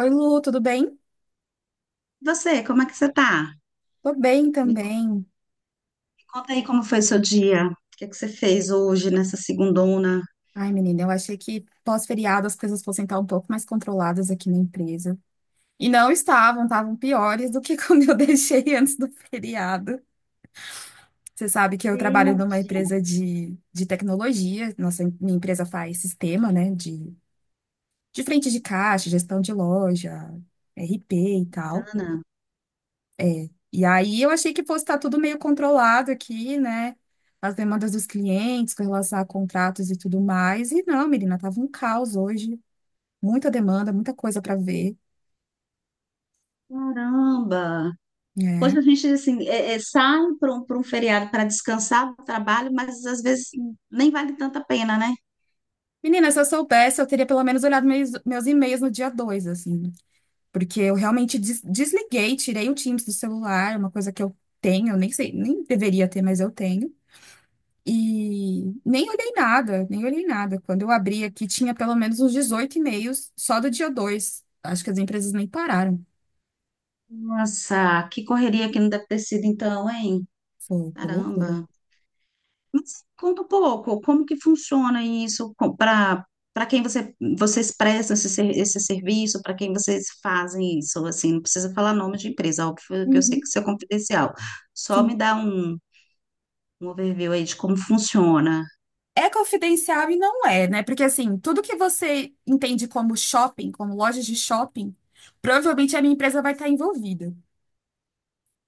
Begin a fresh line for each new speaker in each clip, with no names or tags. Oi, Lu, tudo bem?
Você, como é que você tá?
Tô bem
Me
também.
conta aí como foi seu dia. O que é que você fez hoje nessa segundona?
Ai, menina, eu achei que pós-feriado as coisas fossem estar um pouco mais controladas aqui na empresa. E não estavam, estavam piores do que como eu deixei antes do feriado. Você sabe que eu trabalho numa
Gente,
empresa de tecnologia. Nossa, minha empresa faz sistema, né, de frente de caixa, gestão de loja, RP e tal.
bacana.
E aí eu achei que fosse estar tudo meio controlado aqui, né? As demandas dos clientes com relação a contratos e tudo mais. E não, menina, tava um caos hoje. Muita demanda, muita coisa para ver.
Caramba! Hoje
Né?
a gente, assim, sai para pra um feriado para descansar do trabalho, mas às vezes nem vale tanta pena, né?
Menina, se eu soubesse, eu teria pelo menos olhado meus e-mails no dia 2 assim. Porque eu realmente desliguei, tirei o Teams do celular, uma coisa que eu tenho, nem sei, nem deveria ter, mas eu tenho. E nem olhei nada, nem olhei nada. Quando eu abri aqui, tinha pelo menos uns 18 e-mails só do dia dois. Acho que as empresas nem pararam.
Nossa, que correria que não deve ter sido então, hein?
Foi, que loucura.
Caramba! Mas conta um pouco, como que funciona isso para quem vocês prestam esse serviço, para quem vocês fazem isso, assim, não precisa falar nome de empresa, óbvio que eu sei que
Uhum,
isso é confidencial. Só
sim.
me dá um overview aí de como funciona.
É confidencial e não é, né? Porque assim, tudo que você entende como shopping, como lojas de shopping, provavelmente a minha empresa vai estar envolvida.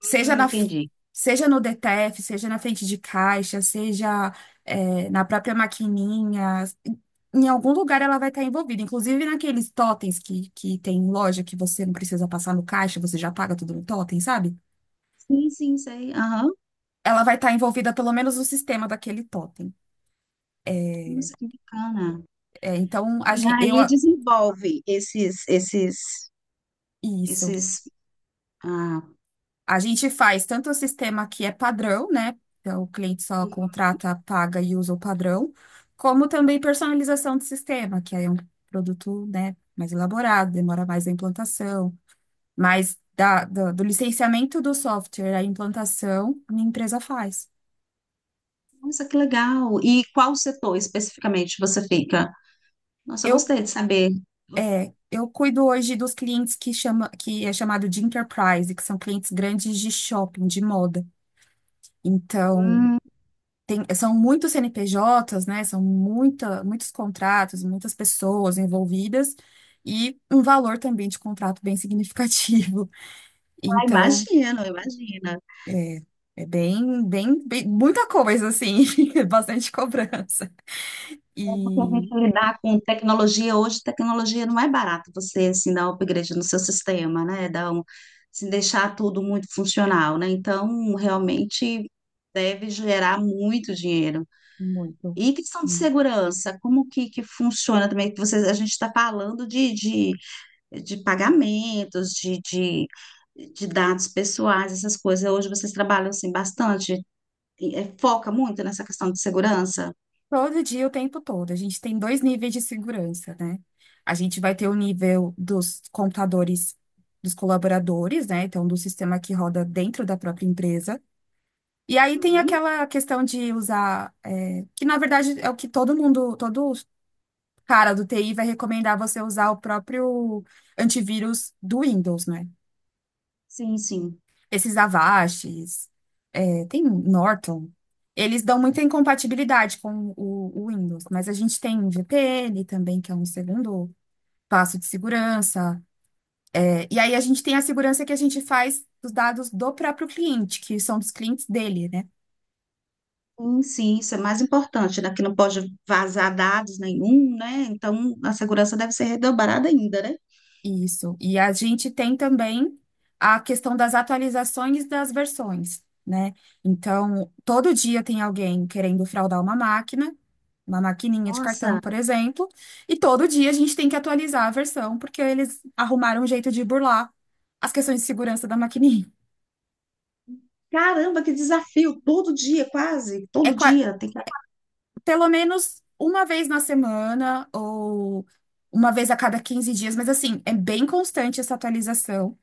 Seja na,
Entendi.
seja no DTF, seja na frente de caixa, seja, é, na própria maquininha, em algum lugar ela vai estar envolvida. Inclusive naqueles totens que tem em loja que você não precisa passar no caixa, você já paga tudo no totem, sabe?
Sim, sim, sei. Aham.
Ela vai estar envolvida pelo menos no sistema daquele totem.
Nossa, que bacana.
É, então, a
E
gente, eu.
aí desenvolve esses esses
Isso.
esses ah,
A gente faz tanto o sistema que é padrão, né? Então, o cliente só contrata, paga e usa o padrão, como também personalização do sistema, que aí é um produto, né, mais elaborado, demora mais a implantação, mas da, do, do licenciamento do software à implantação, a minha empresa faz.
nossa, que legal. E qual setor especificamente você fica? Nossa, eu
Eu,
gostei de saber.
eu cuido hoje dos clientes que chama, que é chamado de enterprise, que são clientes grandes de shopping, de moda. Então,
Hum,
são muitos CNPJs, né? São muitos contratos, muitas pessoas envolvidas e um valor também de contrato bem significativo.
ah,
Então,
imagino, imagina.
é, é bem, bem, muita coisa, assim, bastante cobrança.
Porque a
E
gente lidar com tecnologia hoje, tecnologia não é barato você assim, dar um upgrade no seu sistema, né? Deixar tudo muito funcional, né? Então, realmente deve gerar muito dinheiro.
muito.
E questão de
Muito.
segurança, como que funciona também? Que vocês, a gente está falando de pagamentos, de dados pessoais, essas coisas. Hoje vocês trabalham assim bastante. E, é, foca muito nessa questão de segurança?
Todo dia, o tempo todo. A gente tem dois níveis de segurança, né? A gente vai ter o nível dos computadores dos colaboradores, né? Então, do sistema que roda dentro da própria empresa. E aí tem
Hum,
aquela questão de usar, é, que na verdade é o que todo mundo, todo cara do TI vai recomendar você usar o próprio antivírus do Windows, né?
sim, sim.
Esses Avastes, é, tem Norton. Eles dão muita incompatibilidade com o Windows, mas a gente tem VPN também, que é um segundo passo de segurança. É, e aí a gente tem a segurança que a gente faz dos dados do próprio cliente, que são dos clientes dele, né?
Sim, sim, isso é mais importante, né? Que não pode vazar dados nenhum, né? Então, a segurança deve ser redobrada ainda, né?
Isso. E a gente tem também a questão das atualizações das versões, né? Então, todo dia tem alguém querendo fraudar uma máquina, uma maquininha de cartão,
Nossa,
por exemplo, e todo dia a gente tem que atualizar a versão, porque eles arrumaram um jeito de burlar as questões de segurança da maquininha.
caramba, que desafio! Todo dia, quase,
É
todo
qua-
dia tem que
Pelo menos uma vez na semana ou uma vez a cada 15 dias, mas assim, é bem constante essa atualização.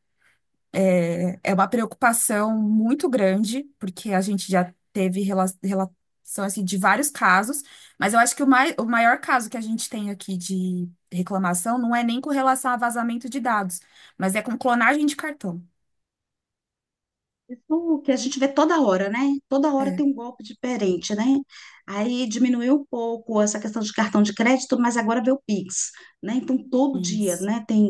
É, é uma preocupação muito grande, porque a gente já teve relação assim, de vários casos, mas eu acho que o maior caso que a gente tem aqui de reclamação não é nem com relação a vazamento de dados, mas é com clonagem de cartão.
isso que a gente vê toda hora, né? Toda hora
É,
tem um golpe diferente, né? Aí diminuiu um pouco essa questão de cartão de crédito, mas agora vê o Pix, né? Então, todo dia,
isso,
né? Tem,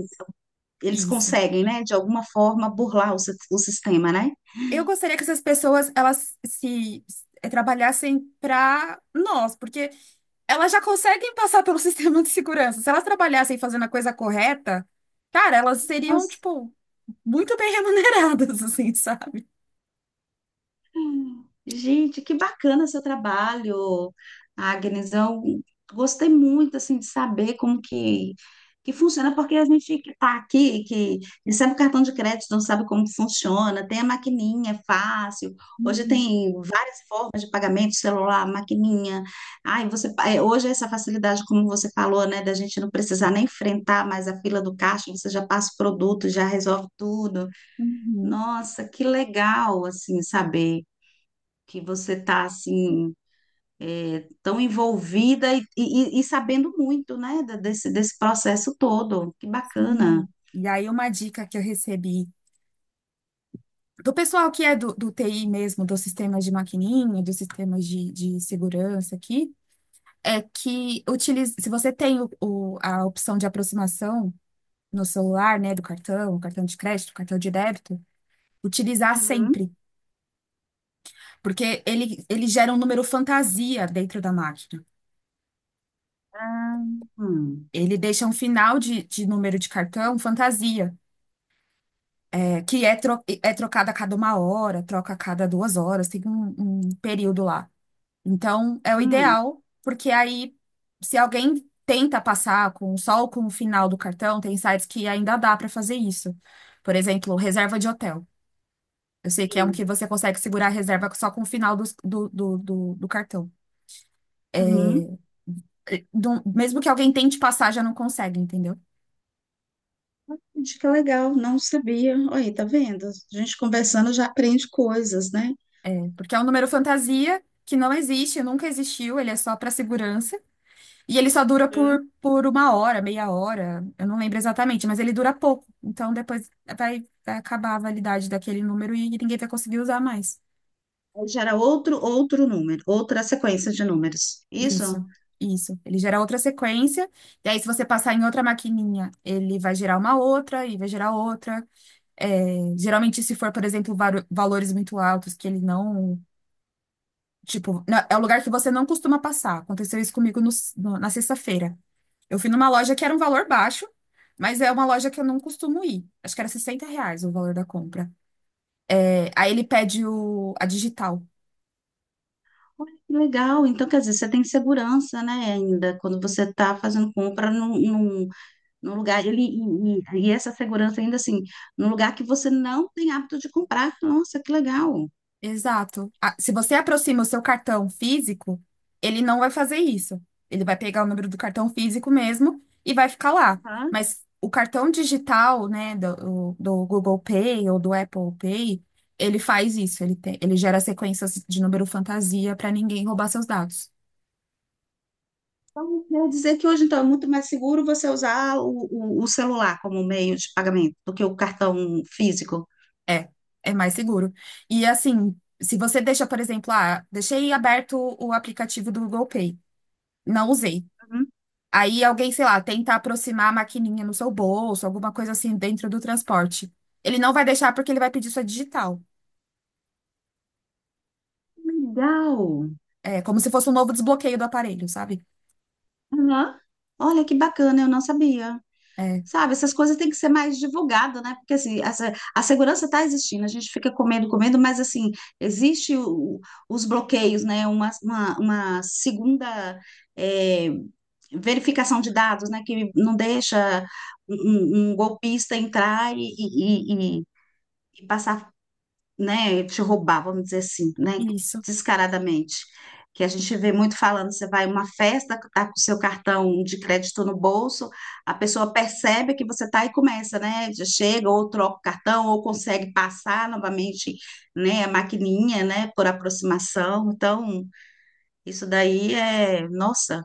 eles
isso.
conseguem, né? De alguma forma burlar o sistema, né?
Eu gostaria que essas pessoas elas se se- trabalhassem para nós, porque elas já conseguem passar pelo sistema de segurança. Se elas trabalhassem fazendo a coisa correta, cara, elas seriam,
Nossa.
tipo, muito bem remuneradas, assim, sabe?
Gente, que bacana seu trabalho, Agnes. Eu gostei muito assim de saber como que funciona, porque a gente que está aqui, que recebe o cartão de crédito, não sabe como que funciona, tem a maquininha, é fácil. Hoje
Uhum,
tem várias formas de pagamento, celular, maquininha. Ai, hoje é essa facilidade, como você falou, né, da gente não precisar nem enfrentar mais a fila do caixa, você já passa o produto, já resolve tudo.
uhum,
Nossa, que legal assim saber que você está assim é, tão envolvida e sabendo muito, né, desse, desse processo todo. Que bacana.
sim. E aí, uma dica que eu recebi do pessoal que é do TI mesmo, dos sistemas de maquininha, dos sistemas de segurança aqui, é que utilize, se você tem a opção de aproximação no celular, né, do cartão, cartão de crédito, cartão de débito, utilizar
Uhum.
sempre, porque ele gera um número fantasia dentro da máquina.
Ah, hum,
Ele deixa um final de número de cartão fantasia. Que é, tro É trocado a cada uma hora, troca a cada duas horas, tem um, um período lá. Então, é o
hum,
ideal, porque aí, se alguém tenta passar com com o final do cartão, tem sites que ainda dá para fazer isso. Por exemplo, reserva de hotel. Eu sei que é um que
sim.
você consegue segurar a reserva só com o do cartão.
Uhum.
E, mesmo que alguém tente passar, já não consegue, entendeu?
Gente, que legal, não sabia. Olha, aí, tá vendo? A gente conversando já aprende coisas, né?
Porque é um número fantasia que não existe, nunca existiu, ele é só para segurança. E ele só dura
Uhum.
por uma hora, meia hora, eu não lembro exatamente, mas ele dura pouco. Então depois vai, vai acabar a validade daquele número e ninguém vai conseguir usar mais.
Aí gera outro número, outra sequência de números. Isso?
Isso, isso. Ele gera outra sequência, e aí se você passar em outra maquininha, ele vai gerar uma outra e vai gerar outra. É, geralmente, se for, por exemplo, valores muito altos que ele não. Tipo, é o lugar que você não costuma passar. Aconteceu isso comigo na sexta-feira. Eu fui numa loja que era um valor baixo, mas é uma loja que eu não costumo ir. Acho que era R$ 60 o valor da compra. É, aí ele pede a digital.
Olha, que legal. Então, quer dizer, você tem segurança, né, ainda, quando você está fazendo compra no lugar e essa segurança ainda assim, num lugar que você não tem hábito de comprar. Nossa, que legal.
Exato. Ah, se você aproxima o seu cartão físico, ele não vai fazer isso. Ele vai pegar o número do cartão físico mesmo e vai ficar lá.
Aham.
Mas o cartão digital, né, do Google Pay ou do Apple Pay, ele faz isso. Ele tem, ele gera sequências de número fantasia para ninguém roubar seus dados.
Então, quer dizer que hoje, então, é muito mais seguro você usar o celular como meio de pagamento do que o cartão físico.
É, é mais seguro. E assim, se você deixa, por exemplo, ah, deixei aberto o aplicativo do Google Pay, não usei.
Uhum.
Aí alguém, sei lá, tenta aproximar a maquininha no seu bolso, alguma coisa assim dentro do transporte. Ele não vai deixar porque ele vai pedir sua digital.
Legal.
É como se fosse um novo desbloqueio do aparelho, sabe?
Aham. Olha que bacana, eu não sabia.
É,
Sabe, essas coisas têm que ser mais divulgadas, né? Porque assim, essa, a segurança está existindo, a gente fica comendo, comendo, mas assim, existe os bloqueios, né? Uma segunda é, verificação de dados, né? Que não deixa um, um golpista entrar e passar, né, te roubar, vamos dizer assim, né,
isso.
descaradamente. Que a gente vê muito falando, você vai a uma festa, tá com o seu cartão de crédito no bolso, a pessoa percebe que você tá e começa, né? Já chega, ou troca o cartão, ou consegue passar novamente, né, a maquininha, né, por aproximação. Então, isso daí é, nossa,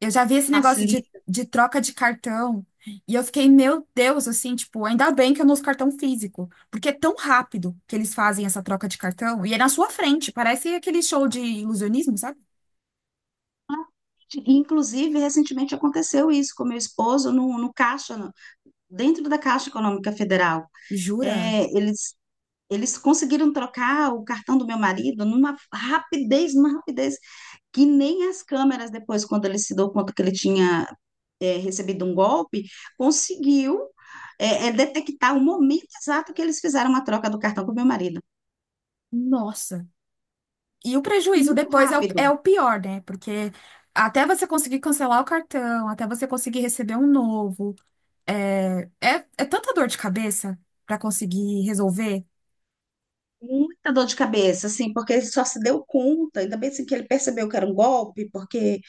Eu já vi esse negócio
facilita.
de troca de cartão e eu fiquei, meu Deus, assim, tipo, ainda bem que eu não uso cartão físico, porque é tão rápido que eles fazem essa troca de cartão e é na sua frente, parece aquele show de ilusionismo, sabe?
Inclusive, recentemente aconteceu isso com meu esposo no caixa, dentro da Caixa Econômica Federal.
Jura?
É, eles. Eles conseguiram trocar o cartão do meu marido numa rapidez, que nem as câmeras, depois, quando ele se deu conta que ele tinha é, recebido um golpe, conseguiu detectar o momento exato que eles fizeram a troca do cartão com o meu marido.
Nossa. E o prejuízo
Muito
depois é
rápido,
é o pior, né? Porque até você conseguir cancelar o cartão, até você conseguir receber um novo, é, é tanta dor de cabeça pra conseguir resolver.
muita dor de cabeça, assim, porque ele só se deu conta, ainda bem assim, que ele percebeu que era um golpe, porque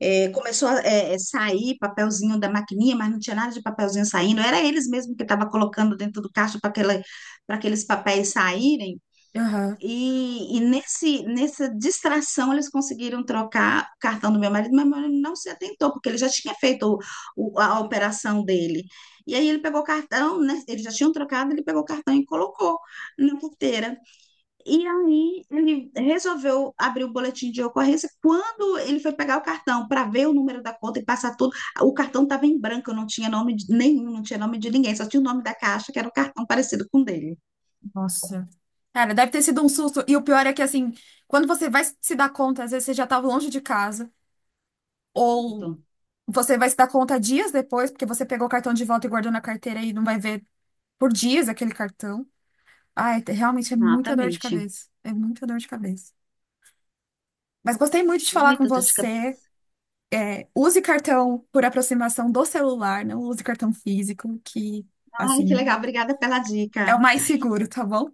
é, começou a sair papelzinho da maquininha, mas não tinha nada de papelzinho saindo. Era eles mesmo que estavam colocando dentro do caixa para aquela, para aqueles papéis saírem.
Aham.
E nessa distração eles conseguiram trocar o cartão do meu marido, mas meu marido não se atentou, porque ele já tinha feito a operação dele. E aí ele pegou o cartão, né? Eles já tinham trocado, ele pegou o cartão e colocou na carteira. E aí ele resolveu abrir o boletim de ocorrência. Quando ele foi pegar o cartão para ver o número da conta e passar tudo, o cartão estava em branco, não tinha nome de nenhum, não tinha nome de ninguém, só tinha o nome da caixa, que era um cartão parecido com o dele.
Nossa. Cara, deve ter sido um susto. E o pior é que, assim, quando você vai se dar conta, às vezes você já tava longe de casa,
Pronto.
ou você vai se dar conta dias depois, porque você pegou o cartão de volta e guardou na carteira e não vai ver por dias aquele cartão. Ai, realmente é muita dor de
Exatamente.
cabeça. É muita dor de cabeça. Mas gostei muito de falar com
Muito dor de
você.
cabeça.
É, use cartão por aproximação do celular, não use cartão físico, que,
Ai, que
assim,
legal, obrigada pela dica.
é o mais seguro, tá bom?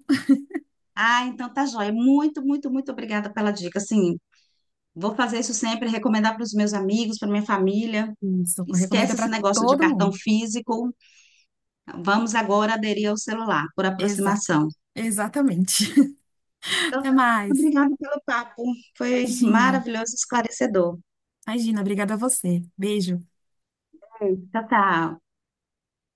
Ah, então tá joia. Muito, muito, muito obrigada pela dica. Assim, vou fazer isso sempre, recomendar para os meus amigos, para minha família.
Isso, recomenda
Esquece esse
para
negócio de
todo
cartão
mundo.
físico. Vamos agora aderir ao celular, por
Exato.
aproximação.
Exatamente.
Então,
Até
tá,
mais.
obrigada pelo papo. Foi
Imagina.
maravilhoso, esclarecedor.
Imagina, obrigada a você. Beijo.
É. Tchau, tchau.